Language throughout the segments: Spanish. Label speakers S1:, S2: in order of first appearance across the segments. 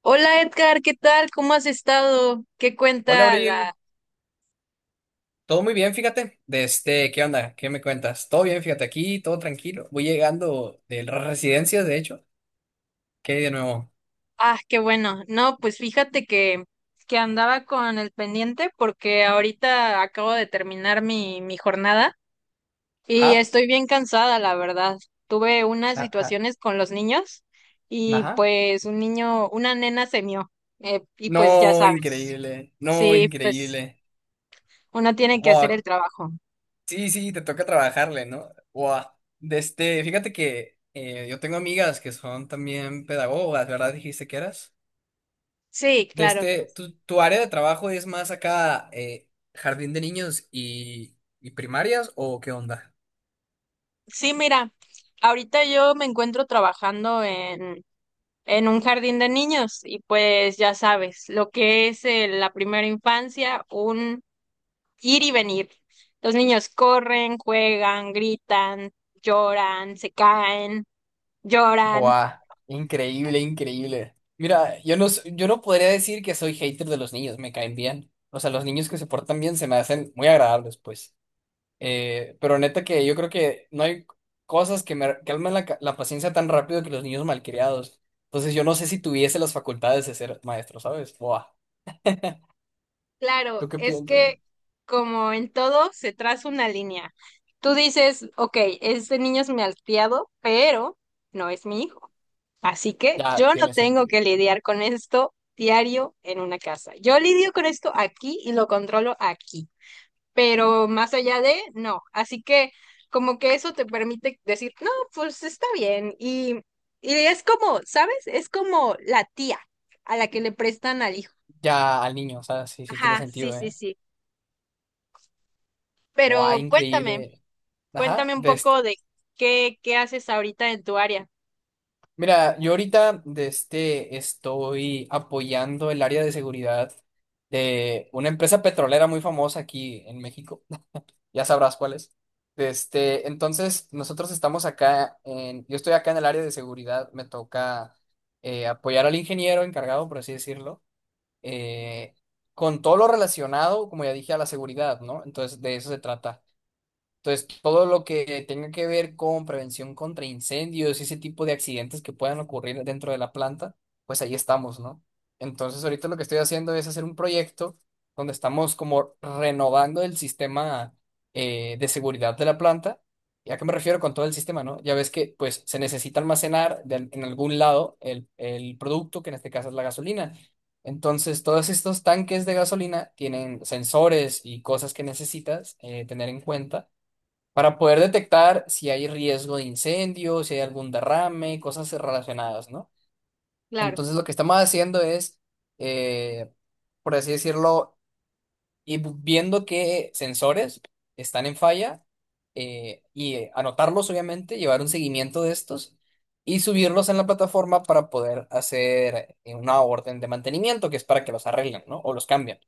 S1: Hola Edgar, ¿qué tal? ¿Cómo has estado? ¿Qué
S2: Hola,
S1: cuenta la...
S2: Abril. Todo muy bien, fíjate. De este, ¿qué onda? ¿Qué me cuentas? Todo bien, fíjate, aquí, todo tranquilo. Voy llegando de las residencias, de hecho. ¿Qué hay de nuevo?
S1: Ah, qué bueno. No, pues fíjate que andaba con el pendiente porque ahorita acabo de terminar mi jornada y
S2: Ajá,
S1: estoy bien cansada, la verdad. Tuve unas
S2: ajá,
S1: situaciones con los niños y
S2: ajá.
S1: pues un niño, una nena se mió y pues ya
S2: No,
S1: sabes.
S2: increíble. No,
S1: Sí, pues
S2: increíble.
S1: uno tiene que hacer el
S2: Wow.
S1: trabajo.
S2: Sí, sí, te toca trabajarle, ¿no? Wow. De este, fíjate que yo tengo amigas que son también pedagogas, ¿verdad? Dijiste que eras.
S1: Sí,
S2: De
S1: claro.
S2: este, tu área de trabajo es más acá, jardín de niños y primarias, ¿o qué onda?
S1: Sí, mira, ahorita yo me encuentro trabajando en un jardín de niños y pues ya sabes, lo que es la primera infancia, un ir y venir. Los niños corren, juegan, gritan, lloran, se caen, lloran.
S2: Buah, increíble, increíble. Mira, yo no, yo no podría decir que soy hater de los niños, me caen bien. O sea, los niños que se portan bien se me hacen muy agradables, pues. Pero neta que yo creo que no hay cosas que me calmen la, la paciencia tan rápido que los niños malcriados. Entonces yo no sé si tuviese las facultades de ser maestro, ¿sabes? Buah,
S1: Claro,
S2: ¿tú qué
S1: es
S2: piensas?
S1: que como en todo se traza una línea. Tú dices, ok, este niño es mi malcriado, pero no es mi hijo. Así que yo
S2: Ya
S1: no
S2: tiene
S1: tengo
S2: sentido.
S1: que lidiar con esto diario en una casa. Yo lidio con esto aquí y lo controlo aquí, pero más allá de, no. Así que como que eso te permite decir, no, pues está bien. Y es como, ¿sabes? Es como la tía a la que le prestan al hijo.
S2: Ya al niño, o sea, sí, sí tiene
S1: Ajá, sí,
S2: sentido,
S1: sí,
S2: ¿eh?
S1: sí.
S2: Buah,
S1: Pero cuéntame,
S2: increíble. Ajá,
S1: cuéntame un
S2: de
S1: poco de qué haces ahorita en tu área.
S2: Mira, yo ahorita de este estoy apoyando el área de seguridad de una empresa petrolera muy famosa aquí en México. Ya sabrás cuál es. De este, entonces, nosotros estamos acá en, yo estoy acá en el área de seguridad, me toca apoyar al ingeniero encargado, por así decirlo, eh, con todo lo relacionado, como ya dije, a la seguridad, ¿no? Entonces, de eso se trata entonces, todo lo que tenga que ver con prevención contra incendios y ese tipo de accidentes que puedan ocurrir dentro de la planta, pues ahí estamos, ¿no? Entonces, ahorita lo que estoy haciendo es hacer un proyecto donde estamos como renovando el sistema de seguridad de la planta. ¿Y a qué me refiero con todo el sistema, no? Ya ves que pues se necesita almacenar en algún lado el producto, que en este caso es la gasolina. Entonces, todos estos tanques de gasolina tienen sensores y cosas que necesitas tener en cuenta para poder detectar si hay riesgo de incendio, si hay algún derrame, cosas relacionadas, ¿no?
S1: Claro.
S2: Entonces lo que estamos haciendo es, eh, por así decirlo, ir viendo qué sensores están en falla y anotarlos, obviamente, llevar un seguimiento de estos y subirlos en la plataforma para poder hacer una orden de mantenimiento, que es para que los arreglen, ¿no? O los cambien.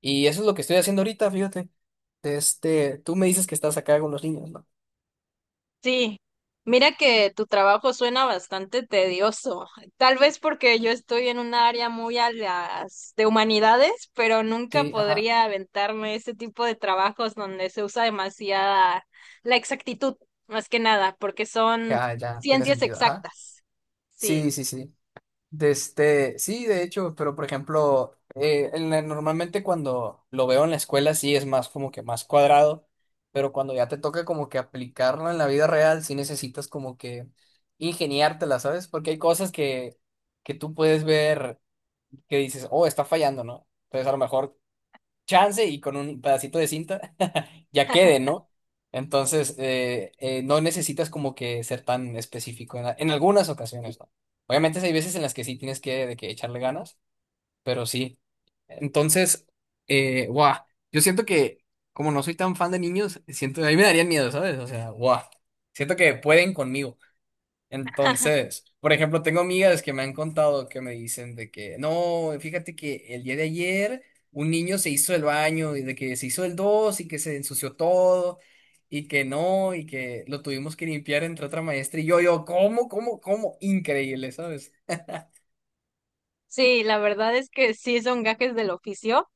S2: Y eso es lo que estoy haciendo ahorita, fíjate. Este, tú me dices que estás acá con los niños, ¿no?
S1: Sí, mira que tu trabajo suena bastante tedioso, tal vez porque yo estoy en un área muy a las de humanidades, pero nunca
S2: Sí, ajá.
S1: podría aventarme ese tipo de trabajos donde se usa demasiada la exactitud, más que nada, porque son
S2: Ya, ya, tiene
S1: ciencias
S2: sentido, ajá.
S1: exactas.
S2: Sí,
S1: Sí,
S2: sí, sí. De este, sí, de hecho, pero por ejemplo, en normalmente cuando lo veo en la escuela sí es más como que más cuadrado, pero cuando ya te toca como que aplicarlo en la vida real, sí necesitas como que ingeniártela, ¿sabes? Porque hay cosas que tú puedes ver que dices, oh, está fallando, ¿no? Entonces a lo mejor chance y con un pedacito de cinta ya quede, ¿no? Entonces, no necesitas como que ser tan específico en, en algunas ocasiones, ¿no? Obviamente si hay veces en las que sí tienes que, de que echarle ganas, pero sí. Entonces, guau, yo siento que como no soy tan fan de niños, siento, a mí me darían miedo, ¿sabes? O sea, guau, siento que pueden conmigo. Entonces, por ejemplo, tengo amigas que me han contado que me dicen de que, no, fíjate que el día de ayer un niño se hizo el baño y de que se hizo el dos y que se ensució todo y que no, y que lo tuvimos que limpiar entre otra maestra y yo, ¿cómo, cómo, cómo? Increíble, ¿sabes?
S1: sí, la verdad es que sí son gajes del oficio.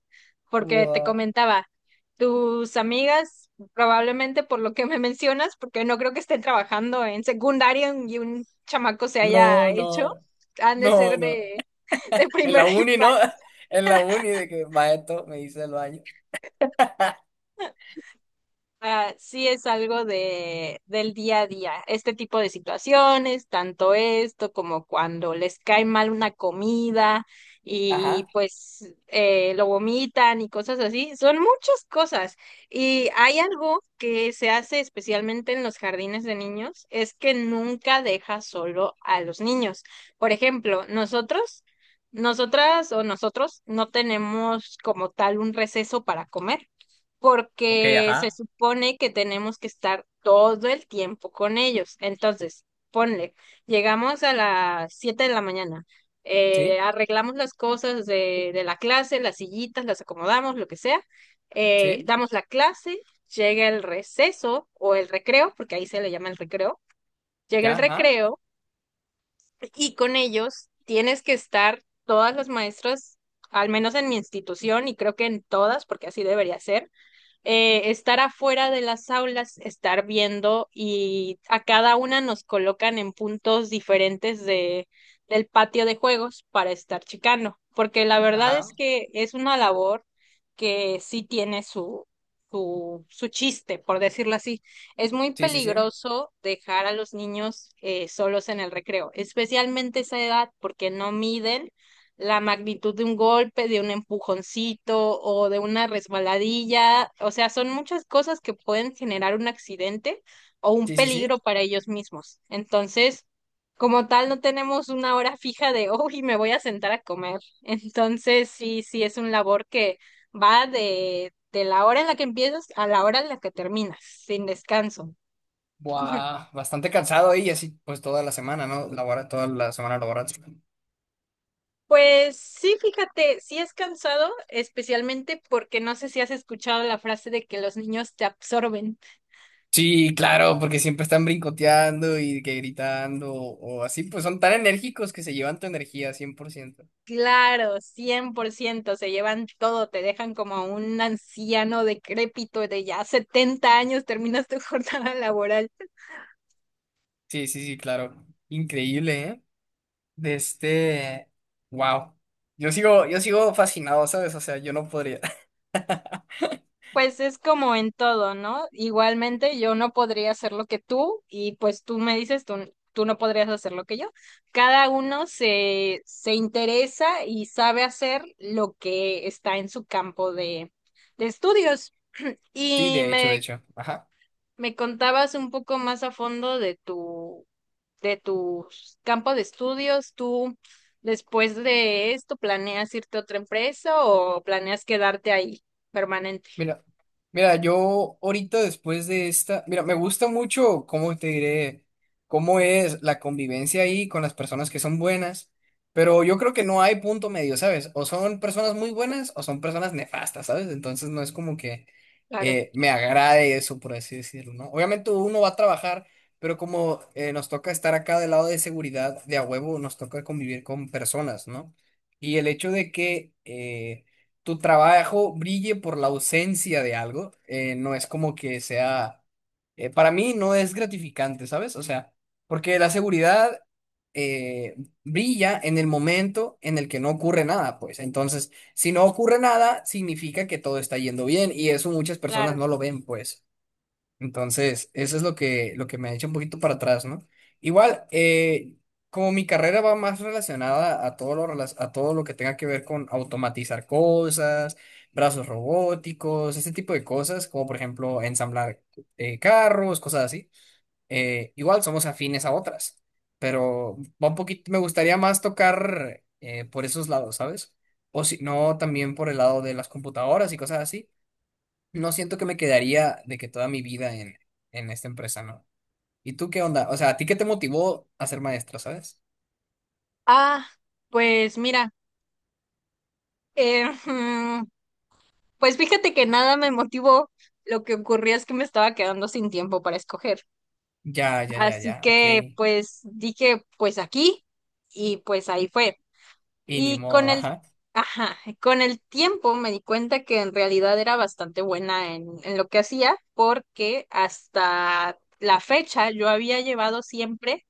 S1: Porque te
S2: Wow.
S1: comentaba, tus amigas, probablemente por lo que me mencionas, porque no creo que estén trabajando en secundaria y un chamaco se haya
S2: No,
S1: hecho,
S2: no,
S1: han de
S2: no,
S1: ser
S2: no.
S1: de
S2: En la
S1: primera
S2: uni, ¿no?
S1: infancia.
S2: En la uni de que maestro me hizo el baño.
S1: Ah, sí es algo de, del día a día, este tipo de situaciones, tanto esto como cuando les cae mal una comida y
S2: Ajá.
S1: pues lo vomitan y cosas así, son muchas cosas. Y hay algo que se hace especialmente en los jardines de niños, es que nunca deja solo a los niños. Por ejemplo, nosotros, nosotras o nosotros no tenemos como tal un receso para comer
S2: Ok,
S1: porque se
S2: ajá.
S1: supone que tenemos que estar todo el tiempo con ellos. Entonces, ponle, llegamos a las 7 de la mañana,
S2: Sí,
S1: arreglamos las cosas de la clase, las sillitas, las acomodamos, lo que sea,
S2: sí,
S1: damos la clase, llega el receso o el recreo, porque ahí se le llama el recreo, llega el
S2: ya, ajá.
S1: recreo y con ellos tienes que estar todas las maestras, al menos en mi institución y creo que en todas, porque así debería ser estar afuera de las aulas, estar viendo y a cada una nos colocan en puntos diferentes de, del patio de juegos para estar checando, porque la verdad
S2: Ajá.
S1: es que es una labor que sí tiene su, su chiste, por decirlo así. Es muy
S2: Sí, sí, sí.
S1: peligroso dejar a los niños solos en el recreo, especialmente esa edad, porque no miden la magnitud de un golpe, de un empujoncito o de una resbaladilla. O sea, son muchas cosas que pueden generar un accidente o un
S2: Sí, sí, sí.
S1: peligro para ellos mismos. Entonces, como tal, no tenemos una hora fija de, uy, me voy a sentar a comer. Entonces, sí, sí, es un labor que va de la hora en la que empiezas a la hora en la que terminas, sin descanso.
S2: Buah, bastante cansado ahí, así pues toda la semana, ¿no? Labora, toda la semana laboral.
S1: Pues sí, fíjate, sí es cansado, especialmente porque no sé si has escuchado la frase de que los niños te absorben.
S2: Sí, claro, porque siempre están brincoteando y que gritando o así, pues son tan enérgicos que se llevan tu energía 100%.
S1: Claro, 100%, se llevan todo, te dejan como un anciano decrépito de ya 70 años, terminas tu jornada laboral.
S2: Sí, sí, sí, claro. Increíble, ¿eh? De este... Wow. Yo sigo fascinado, ¿sabes? O sea, yo no podría.
S1: Pues es como en todo, ¿no? Igualmente yo no podría hacer lo que tú y pues tú me dices, tú no podrías hacer lo que yo. Cada uno se, se interesa y sabe hacer lo que está en su campo de estudios.
S2: Sí,
S1: Y
S2: de hecho, de
S1: me,
S2: hecho. Ajá.
S1: me contabas un poco más a fondo de tu campo de estudios. ¿Tú después de esto planeas irte a otra empresa o planeas quedarte ahí permanente?
S2: Mira, mira, yo ahorita después de esta, mira, me gusta mucho cómo te diré, cómo es la convivencia ahí con las personas que son buenas, pero yo creo que no hay punto medio, ¿sabes? O son personas muy buenas o son personas nefastas, ¿sabes? Entonces no es como que
S1: Claro,
S2: me agrade eso, por así decirlo, ¿no? Obviamente uno va a trabajar, pero como nos toca estar acá del lado de seguridad, de a huevo, nos toca convivir con personas, ¿no? Y el hecho de que... tu trabajo brille por la ausencia de algo, no es como que sea, para mí no es gratificante, ¿sabes? O sea, porque la seguridad eh, brilla en el momento en el que no ocurre nada, pues. Entonces, si no ocurre nada, significa que todo está yendo bien y eso muchas personas
S1: claro.
S2: no lo ven, pues. Entonces, eso es lo que me echa un poquito para atrás, ¿no? Igual, como mi carrera va más relacionada a todo lo, a todo lo que tenga que ver con automatizar cosas, brazos robóticos, ese tipo de cosas, como por ejemplo ensamblar carros, cosas así, igual somos afines a otras, pero va un poquito, me gustaría más tocar por esos lados, ¿sabes? O si no, también por el lado de las computadoras y cosas así no siento que me quedaría de que toda mi vida en esta empresa, ¿no? ¿Y tú qué onda? O sea, ¿a ti qué te motivó a ser maestro, sabes?
S1: Ah, pues mira, eh, pues fíjate que nada me motivó. Lo que ocurría es que me estaba quedando sin tiempo para escoger.
S2: Ya, ya, ya,
S1: Así
S2: ya, ok.
S1: que pues dije, pues aquí y pues ahí fue.
S2: Y ni
S1: Y con
S2: modo,
S1: el,
S2: ajá.
S1: ajá, con el tiempo me di cuenta que en realidad era bastante buena en lo que hacía porque hasta la fecha yo había llevado siempre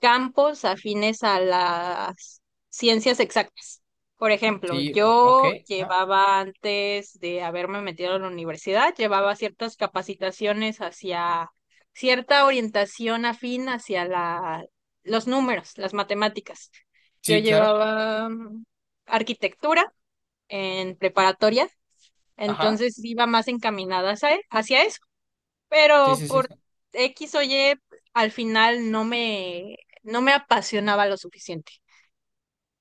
S1: campos afines a las ciencias exactas. Por ejemplo,
S2: Sí, ok,
S1: yo
S2: ajá.
S1: llevaba antes de haberme metido a la universidad, llevaba ciertas capacitaciones hacia cierta orientación afín hacia la, los números, las matemáticas. Yo
S2: Sí, claro,
S1: llevaba arquitectura en preparatoria,
S2: ajá.
S1: entonces iba más encaminada hacia e, hacia eso
S2: Sí,
S1: pero
S2: sí, sí.
S1: por
S2: Sí.
S1: X o Y al final no me, no me apasionaba lo suficiente.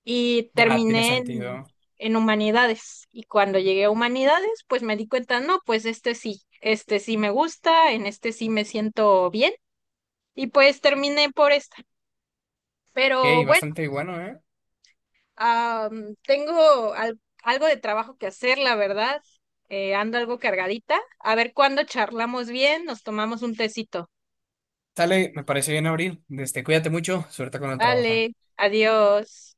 S1: Y
S2: Ya, tiene
S1: terminé
S2: sentido.
S1: en humanidades. Y cuando llegué a humanidades, pues me di cuenta, no, pues este sí me gusta, en este sí me siento bien. Y pues terminé por esta. Pero
S2: Ok,
S1: bueno,
S2: bastante bueno, ¿eh?
S1: tengo al- algo de trabajo que hacer, la verdad. Ando algo cargadita. A ver cuándo charlamos bien, nos tomamos un tecito.
S2: Sale, me parece bien abrir. Este, cuídate mucho, suerte con el trabajo.
S1: Vale, adiós.